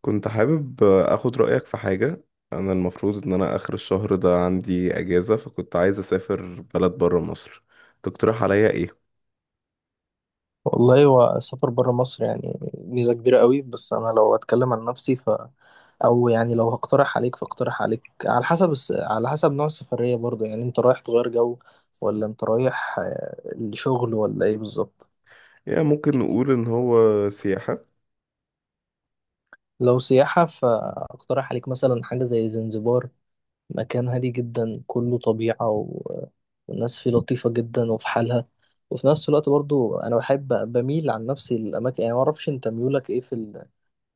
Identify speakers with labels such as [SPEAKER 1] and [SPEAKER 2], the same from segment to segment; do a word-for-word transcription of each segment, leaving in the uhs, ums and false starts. [SPEAKER 1] كنت حابب اخد رأيك في حاجة. انا المفروض ان انا اخر الشهر ده عندي اجازة، فكنت عايز اسافر بلد برا مصر. تقترح عليا ايه؟
[SPEAKER 2] والله، هو السفر بره مصر يعني ميزة كبيرة قوي. بس أنا لو أتكلم عن نفسي، ف أو يعني لو هقترح عليك فاقترح عليك على حسب الس... على حسب نوع السفرية، برضو يعني أنت رايح تغير جو ولا أنت رايح آه، الشغل ولا إيه بالظبط؟
[SPEAKER 1] يعني ممكن نقول ان هو سياحة.
[SPEAKER 2] لو سياحة فأقترح عليك مثلا حاجة زي زنزبار، مكان هادي جدا كله طبيعة و... والناس فيه لطيفة جدا وفي حالها. وفي نفس الوقت برضو أنا بحب، بميل عن نفسي للأماكن، يعني معرفش أنت ميولك إيه في ال...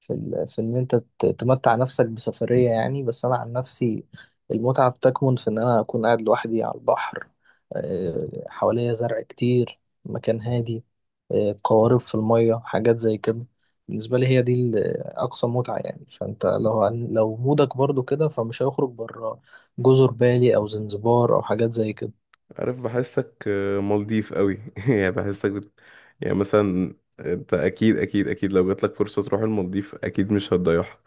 [SPEAKER 2] في ال... في ان انت ت- تمتع نفسك بسفرية، يعني بس انا عن نفسي المتعة بتكمن في ان انا اكون قاعد لوحدي على البحر، آه، حواليا زرع كتير، مكان هادي، آه، قوارب في المية، حاجات زي كده. بالنسبة لي هي دي ال- اقصى متعة، يعني فانت لو عن- لو مودك برضو كده فمش هيخرج بره جزر بالي او زنزبار او حاجات زي كده.
[SPEAKER 1] عارف، بحسك آه، مالديف قوي يعني بحسك بت... يعني مثلا انت اكيد اكيد اكيد لو جاتلك فرصة تروح المالديف اكيد مش هتضيعها.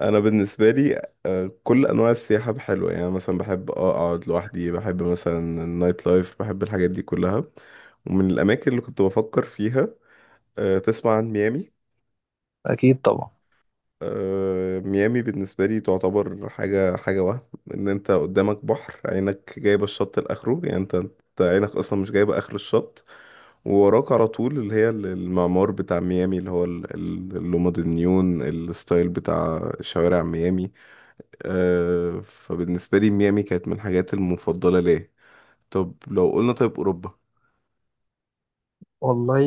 [SPEAKER 1] انا بالنسبة لي آه، كل انواع السياحة حلوة، يعني مثلا بحب آه، اقعد لوحدي، بحب مثلا النايت لايف، بحب الحاجات دي كلها. ومن الاماكن اللي كنت بفكر فيها، آه، تسمع عن ميامي؟
[SPEAKER 2] اكيد طبعا.
[SPEAKER 1] آه، ميامي بالنسبة لي تعتبر حاجة، حاجة وهم. ان انت قدامك بحر عينك جايبة الشط لاخره، يعني انت أنت عينك اصلا مش جايبة اخر الشط. ووراك على طول اللي هي ال- المعمار بتاع ميامي، اللي هو ال- ال- اللومد النيون الستايل بتاع شوارع ميامي. آه، فبالنسبة لي ميامي كانت من الحاجات المفضلة ليا. طب لو قلنا طيب اوروبا،
[SPEAKER 2] والله،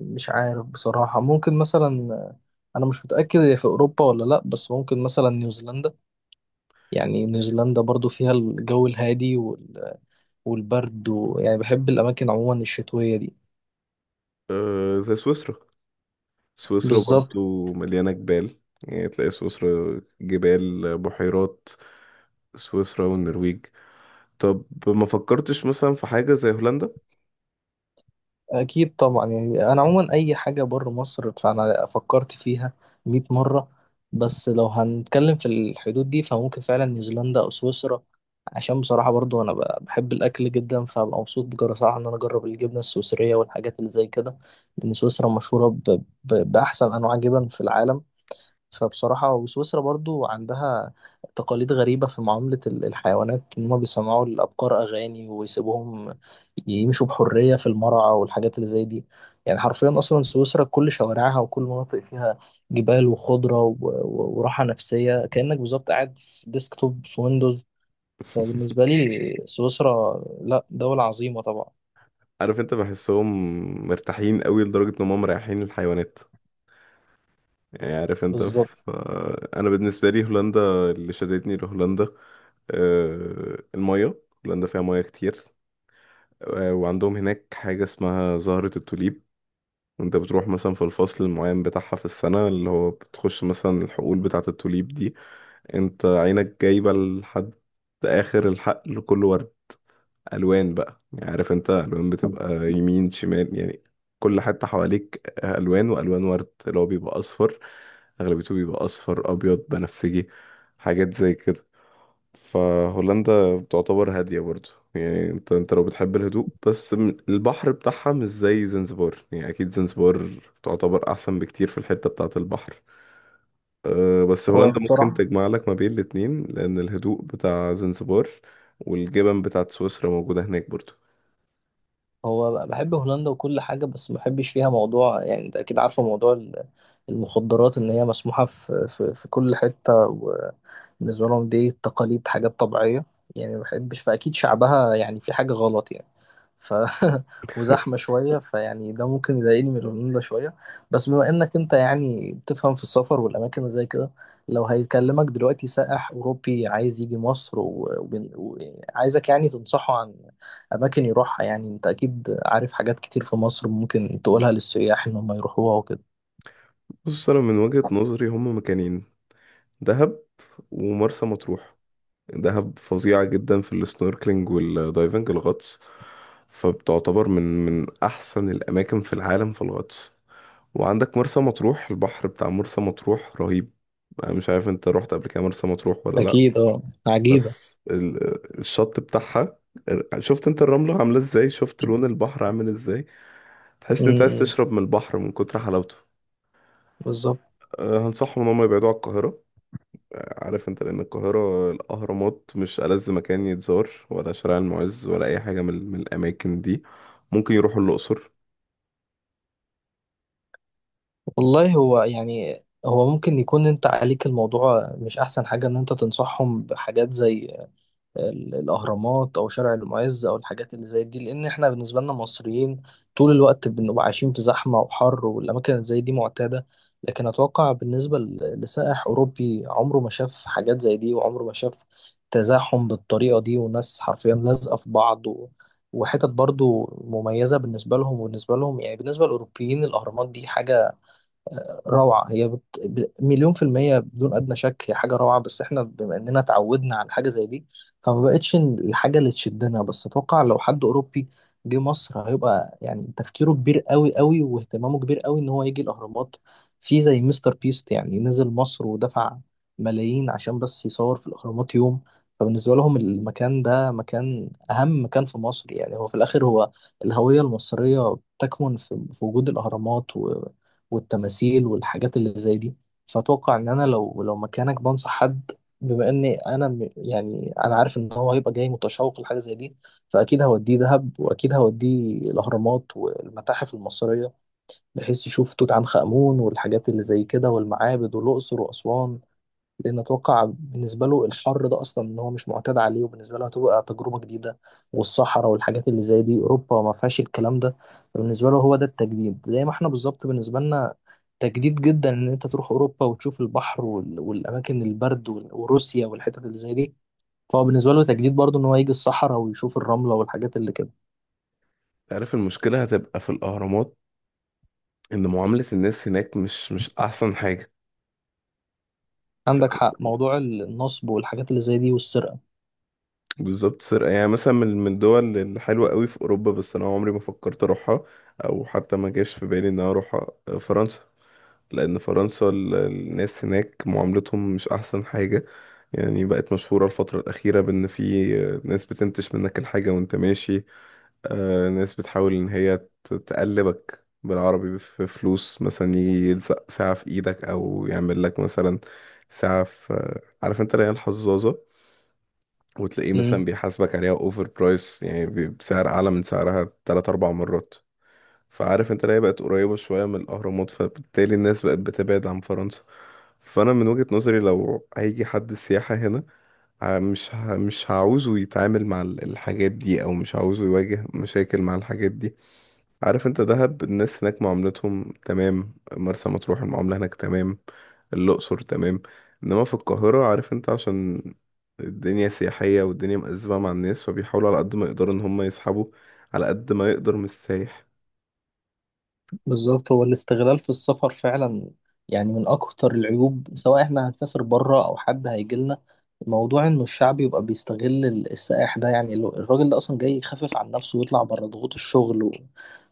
[SPEAKER 2] مش عارف بصراحة، ممكن مثلا، أنا مش متأكد هي في أوروبا ولا لأ، بس ممكن مثلا نيوزيلندا، يعني نيوزيلندا برضو فيها الجو الهادي وال- والبرد، ويعني بحب الأماكن عموما الشتوية دي.
[SPEAKER 1] آه، زي سويسرا. سويسرا
[SPEAKER 2] بالظبط.
[SPEAKER 1] برضو مليانة جبال، يعني تلاقي سويسرا جبال بحيرات. سويسرا والنرويج. طب ما فكرتش مثلا في حاجة زي هولندا؟
[SPEAKER 2] أكيد طبعا، يعني أنا عموما أي حاجة بره مصر فأنا فكرت فيها مية مرة. بس لو هنتكلم في الحدود دي فممكن فعلا نيوزيلندا أو سويسرا، عشان بصراحة برضو أنا ب- بحب الأكل جدا، فببقى مبسوط بصراحة إن أنا أجرب الجبنة السويسرية والحاجات اللي زي كده، لأن سويسرا مشهورة ب... ب... بأحسن أنواع جبن في العالم. فبصراحة وسويسرا برضو عندها تقاليد غريبة في معاملة ال- الحيوانات، إن هما بيسمعوا الأبقار أغاني ويسيبوهم يمشوا بحرية في المرعى والحاجات اللي زي دي. يعني حرفيا أصلا سويسرا كل شوارعها وكل مناطق فيها جبال وخضرة و- و- وراحة نفسية، كأنك بالظبط قاعد في ديسكتوب في ويندوز. فبالنسبة لي سويسرا، لأ، دولة عظيمة طبعا.
[SPEAKER 1] عارف انت، بحسهم مرتاحين قوي لدرجة ان هم مريحين الحيوانات. يعني عارف انت
[SPEAKER 2] بالظبط.
[SPEAKER 1] ف... انا بالنسبة لي هولندا، اللي شدتني لهولندا آه، المية. هولندا فيها مياه كتير. آه، وعندهم هناك حاجة اسمها زهرة التوليب. انت بتروح مثلا في الفصل المعين بتاعها في السنة، اللي هو بتخش مثلا الحقول بتاعة التوليب دي، انت عينك جايبة لحد آخر الحقل كله ورد. ألوان بقى، يعني عارف انت ألوان بتبقى يمين شمال. يعني كل حتة حواليك ألوان وألوان ورد، اللي هو بيبقى أصفر. أغلبيته بيبقى أصفر، أبيض، بنفسجي، حاجات زي كده. فهولندا بتعتبر هادية برضو. يعني انت انت لو بتحب الهدوء، بس م- البحر بتاعها مش زي زنزبار. يعني اكيد زنزبار تعتبر احسن بكتير في الحتة بتاعة البحر. أه بس هولندا ممكن
[SPEAKER 2] وبصراحة
[SPEAKER 1] تجمع لك ما بين الاتنين، لان الهدوء بتاع زنزبار والجبن بتاعة سويسرا موجودة هناك برضو.
[SPEAKER 2] هو بحب هولندا وكل حاجة، بس ما بحبش فيها موضوع، يعني انت اكيد عارفة موضوع ال- المخدرات، ان هي مسموحة في في في كل حتة، وبالنسبة لهم دي تقاليد، حاجات طبيعية، يعني ما بحبش، فاكيد شعبها يعني في حاجة غلط يعني. ف وزحمة شوية، فيعني ده ممكن يضايقني من الهدوء ده شوية. بس بما إنك أنت يعني بتفهم في السفر والأماكن اللي زي كده، لو هيكلمك دلوقتي سائح أوروبي عايز يجي مصر وعايزك و... و... وعايزك يعني تنصحه عن أماكن يروحها، يعني أنت أكيد عارف حاجات كتير في مصر ممكن تقولها للسياح إن هم يروحوها وكده.
[SPEAKER 1] بص، انا من وجهة نظري هم مكانين: دهب ومرسى مطروح. دهب فظيعة جدا في السنوركلينج والدايفنج، الغطس. فبتعتبر من من أحسن الأماكن في العالم في الغطس. وعندك مرسى مطروح، البحر بتاع مرسى مطروح رهيب. أنا مش عارف أنت رحت قبل كده مرسى مطروح ولا لأ.
[SPEAKER 2] أكيد أه. عجيبة.
[SPEAKER 1] بس ال- الشط بتاعها، شفت أنت الرملة عاملة إزاي، شفت لون البحر عامل إزاي. تحس إن أنت عايز
[SPEAKER 2] امم.
[SPEAKER 1] تشرب من البحر من كتر حلاوته.
[SPEAKER 2] بالظبط.
[SPEAKER 1] أه، هنصحهم إن هم يبعدوا عن القاهرة. عارف انت، لان القاهرة، الاهرامات مش ألذ مكان يتزار، ولا شارع المعز، ولا اي حاجة من، من الاماكن دي. ممكن يروحوا الاقصر.
[SPEAKER 2] والله، هو يعني هو ممكن يكون انت عليك، الموضوع مش احسن حاجة ان انت تنصحهم بحاجات زي ال- الأهرامات أو شارع المعز أو الحاجات اللي زي دي، لأن إحنا بالنسبة لنا مصريين طول الوقت بنبقى عايشين في زحمة وحر، والأماكن اللي زي دي معتادة. لكن أتوقع بالنسبة ل- لسائح أوروبي عمره ما شاف حاجات زي دي، وعمره ما شاف تزاحم بالطريقة دي، وناس حرفيا لازقة في بعض، و... وحتت برضو مميزة بالنسبة لهم، وبالنسبة لهم يعني بالنسبة للأوروبيين، الأهرامات دي حاجة روعة، هي بت... ب- مليون في المية بدون أدنى شك، هي حاجة روعة. بس احنا بما إننا اتعودنا على حاجة زي دي فما بقتش الحاجة اللي تشدنا، بس أتوقع لو حد أوروبي جه مصر هيبقى يعني تفكيره كبير قوي قوي، واهتمامه كبير قوي إن هو يجي الأهرامات. في زي مستر بيست يعني نزل مصر ودفع ملايين عشان بس يصور في الأهرامات يوم، فبالنسبة لهم المكان ده مكان، أهم مكان في مصر، يعني هو في الآخر، هو الهوية المصرية تكمن في في وجود الأهرامات والتماثيل والحاجات اللي زي دي. فأتوقع إن أنا لو لو مكانك بنصح حد، بما إني أنا م- يعني أنا عارف إن هو هيبقى جاي متشوق لحاجة زي دي، فأكيد هوديه دهب، وأكيد هوديه الأهرامات والمتاحف المصرية، بحيث يشوف توت عنخ آمون والحاجات اللي زي كده والمعابد والأقصر وأسوان، لان اتوقع بالنسبه له الحر ده اصلا ان هو مش معتاد عليه، وبالنسبه له هتبقى تجربه جديده، والصحراء والحاجات اللي زي دي اوروبا ما فيهاش الكلام ده، فبالنسبه له هو ده التجديد، زي ما احنا بالظبط بالنسبه لنا تجديد جدا ان انت تروح اوروبا وتشوف البحر وال- والاماكن، البرد وال- وروسيا والحتت اللي زي دي، فهو بالنسبه له تجديد برضه ان هو يجي الصحراء ويشوف الرمله والحاجات اللي كده.
[SPEAKER 1] عارف المشكلة هتبقى في الاهرامات، ان معاملة الناس هناك مش مش احسن حاجة. ف-
[SPEAKER 2] عندك حق، موضوع النصب والحاجات اللي زي دي والسرقه.
[SPEAKER 1] بالظبط سرقة. يعني مثلا من من الدول الحلوة قوي في اوروبا، بس انا عمري ما فكرت اروحها او حتى ما جاش في بالي ان انا اروحها، فرنسا. لان فرنسا ال- الناس هناك معاملتهم مش احسن حاجة. يعني بقت مشهورة الفترة الأخيرة بإن في ناس بتنتش منك الحاجة وأنت ماشي. آه، ناس بتحاول إن هي ت- تقلبك بالعربي في فلوس. مثلا يجي يلزق ساعة في إيدك، أو يعمل لك مثلا ساعة في، عارف أنت، اللي هي الحظاظة. وتلاقيه مثلا بيحاسبك عليها أوفر برايس، يعني بي- بسعر أعلى من سعرها تلات أربع مرات. فعارف أنت اللي هي بقت قريبة شوية من الأهرامات، فبالتالي الناس بقت بتبعد عن فرنسا. فأنا من وجهة نظري لو هيجي حد سياحة هنا، ه- مش ه- مش هعوزه يتعامل مع ال- الحاجات دي، او مش هعوزه يواجه مشاكل مع الحاجات دي. عارف انت، دهب الناس هناك معاملتهم تمام، مرسى مطروح المعاملة هناك تمام، الأقصر تمام. انما في القاهرة عارف انت، عشان الدنيا سياحية والدنيا مأزمة مع الناس، فبيحاولوا على قد ما يقدروا ان هم يسحبوا على قد ما يقدر من السايح.
[SPEAKER 2] بالظبط، هو الاستغلال في السفر فعلا يعني من أكتر العيوب، سواء احنا هنسافر بره أو حد هيجيلنا، موضوع إنه الشعب يبقى بيستغل ال- السائح ده، يعني ال- الراجل ده أصلا جاي يخفف عن نفسه ويطلع بره ضغوط الشغل و-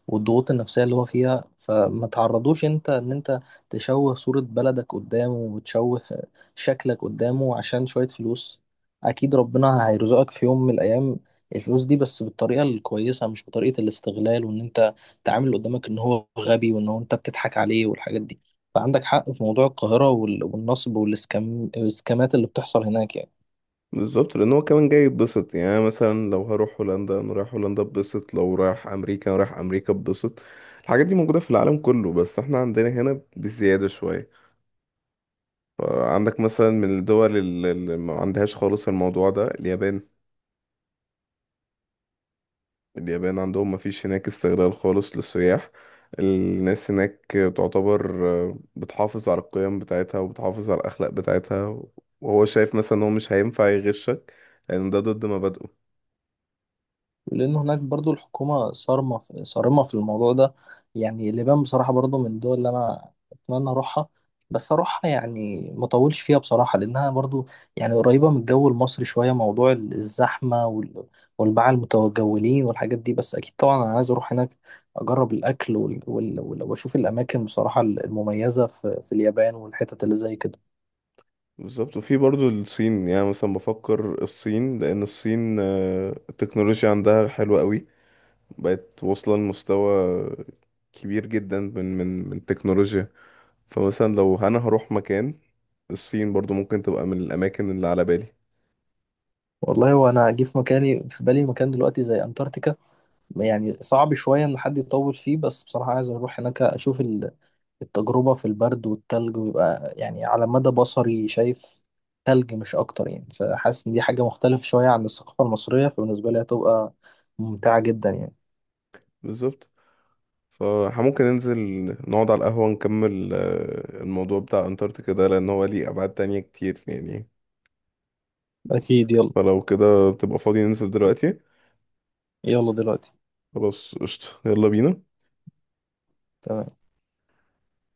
[SPEAKER 2] والضغوط النفسية اللي هو فيها، فما تعرضوش أنت إن أنت تشوه صورة بلدك قدامه، وتشوه شكلك قدامه عشان شوية فلوس. أكيد ربنا هيرزقك في يوم من الأيام الفلوس دي، بس بالطريقة الكويسة، مش بطريقة الاستغلال، وإن أنت تعامل اللي قدامك ان هو غبي، وان هو انت بتضحك عليه والحاجات دي. فعندك حق في موضوع القاهرة وال- والنصب والسكام السكامات اللي بتحصل هناك يعني.
[SPEAKER 1] بالظبط، لان هو كمان جاي يتبسط. يعني أنا مثلا لو هروح هولندا انا رايح هولندا اتبسط، لو رايح امريكا انا رايح امريكا اتبسط. الحاجات دي موجوده في العالم كله بس احنا عندنا هنا بزياده شويه. فعندك مثلا من الدول الل- اللي ما عندهاش خالص الموضوع ده، اليابان. اليابان عندهم ما فيش هناك استغلال خالص للسياح. الناس هناك تعتبر آه، بتحافظ على القيم بتاعتها، وبتحافظ على الاخلاق بتاعتها. وهو شايف مثلا ان هو مش هينفع يغشك لان ده ضد مبادئه.
[SPEAKER 2] لأن هناك برضو الحكومة صارمة في صارمة في الموضوع ده، يعني اليابان بصراحة برضو من الدول اللي أنا أتمنى أروحها، بس أروحها يعني مطولش فيها بصراحة، لأنها برضو يعني قريبة من الجو المصري شوية، موضوع ال- الزحمة وال- والباعة المتجولين والحاجات دي، بس أكيد طبعا أنا عايز أروح هناك أجرب الأكل وال... وال... وال... وأشوف الأماكن بصراحة المميزة في... في اليابان والحتت اللي زي كده.
[SPEAKER 1] بالظبط. وفي برضو الصين، يعني مثلا بفكر الصين، لأن الصين آه، التكنولوجيا عندها حلوة قوي. بقت واصلة لمستوى كبير جدا من من من التكنولوجيا. فمثلا لو أنا هروح مكان، الصين برضو ممكن تبقى من الأماكن اللي على بالي.
[SPEAKER 2] والله، وأنا أجي في مكاني في بالي مكان دلوقتي زي أنتاركتيكا، يعني صعب شوية إن حد يطول فيه، بس بصراحة عايز أروح هناك أشوف ال- التجربة في البرد والتلج، ويبقى يعني على مدى بصري شايف تلج مش أكتر، يعني فحاسس إن دي حاجة مختلفة شوية عن الثقافة المصرية، فبالنسبة لي هتبقى ممتعة جدا يعني.
[SPEAKER 1] بالظبط. فممكن ننزل نقعد على القهوة، نكمل آه، الموضوع بتاع أنتاركتيكا ده، لأن هو ليه أبعاد تانية كتير يعني.
[SPEAKER 2] أكيد يلا.
[SPEAKER 1] فلو كده تبقى فاضي ننزل دلوقتي.
[SPEAKER 2] يلا دلوقتي.
[SPEAKER 1] خلاص قشطة، يلا بينا.
[SPEAKER 2] تمام.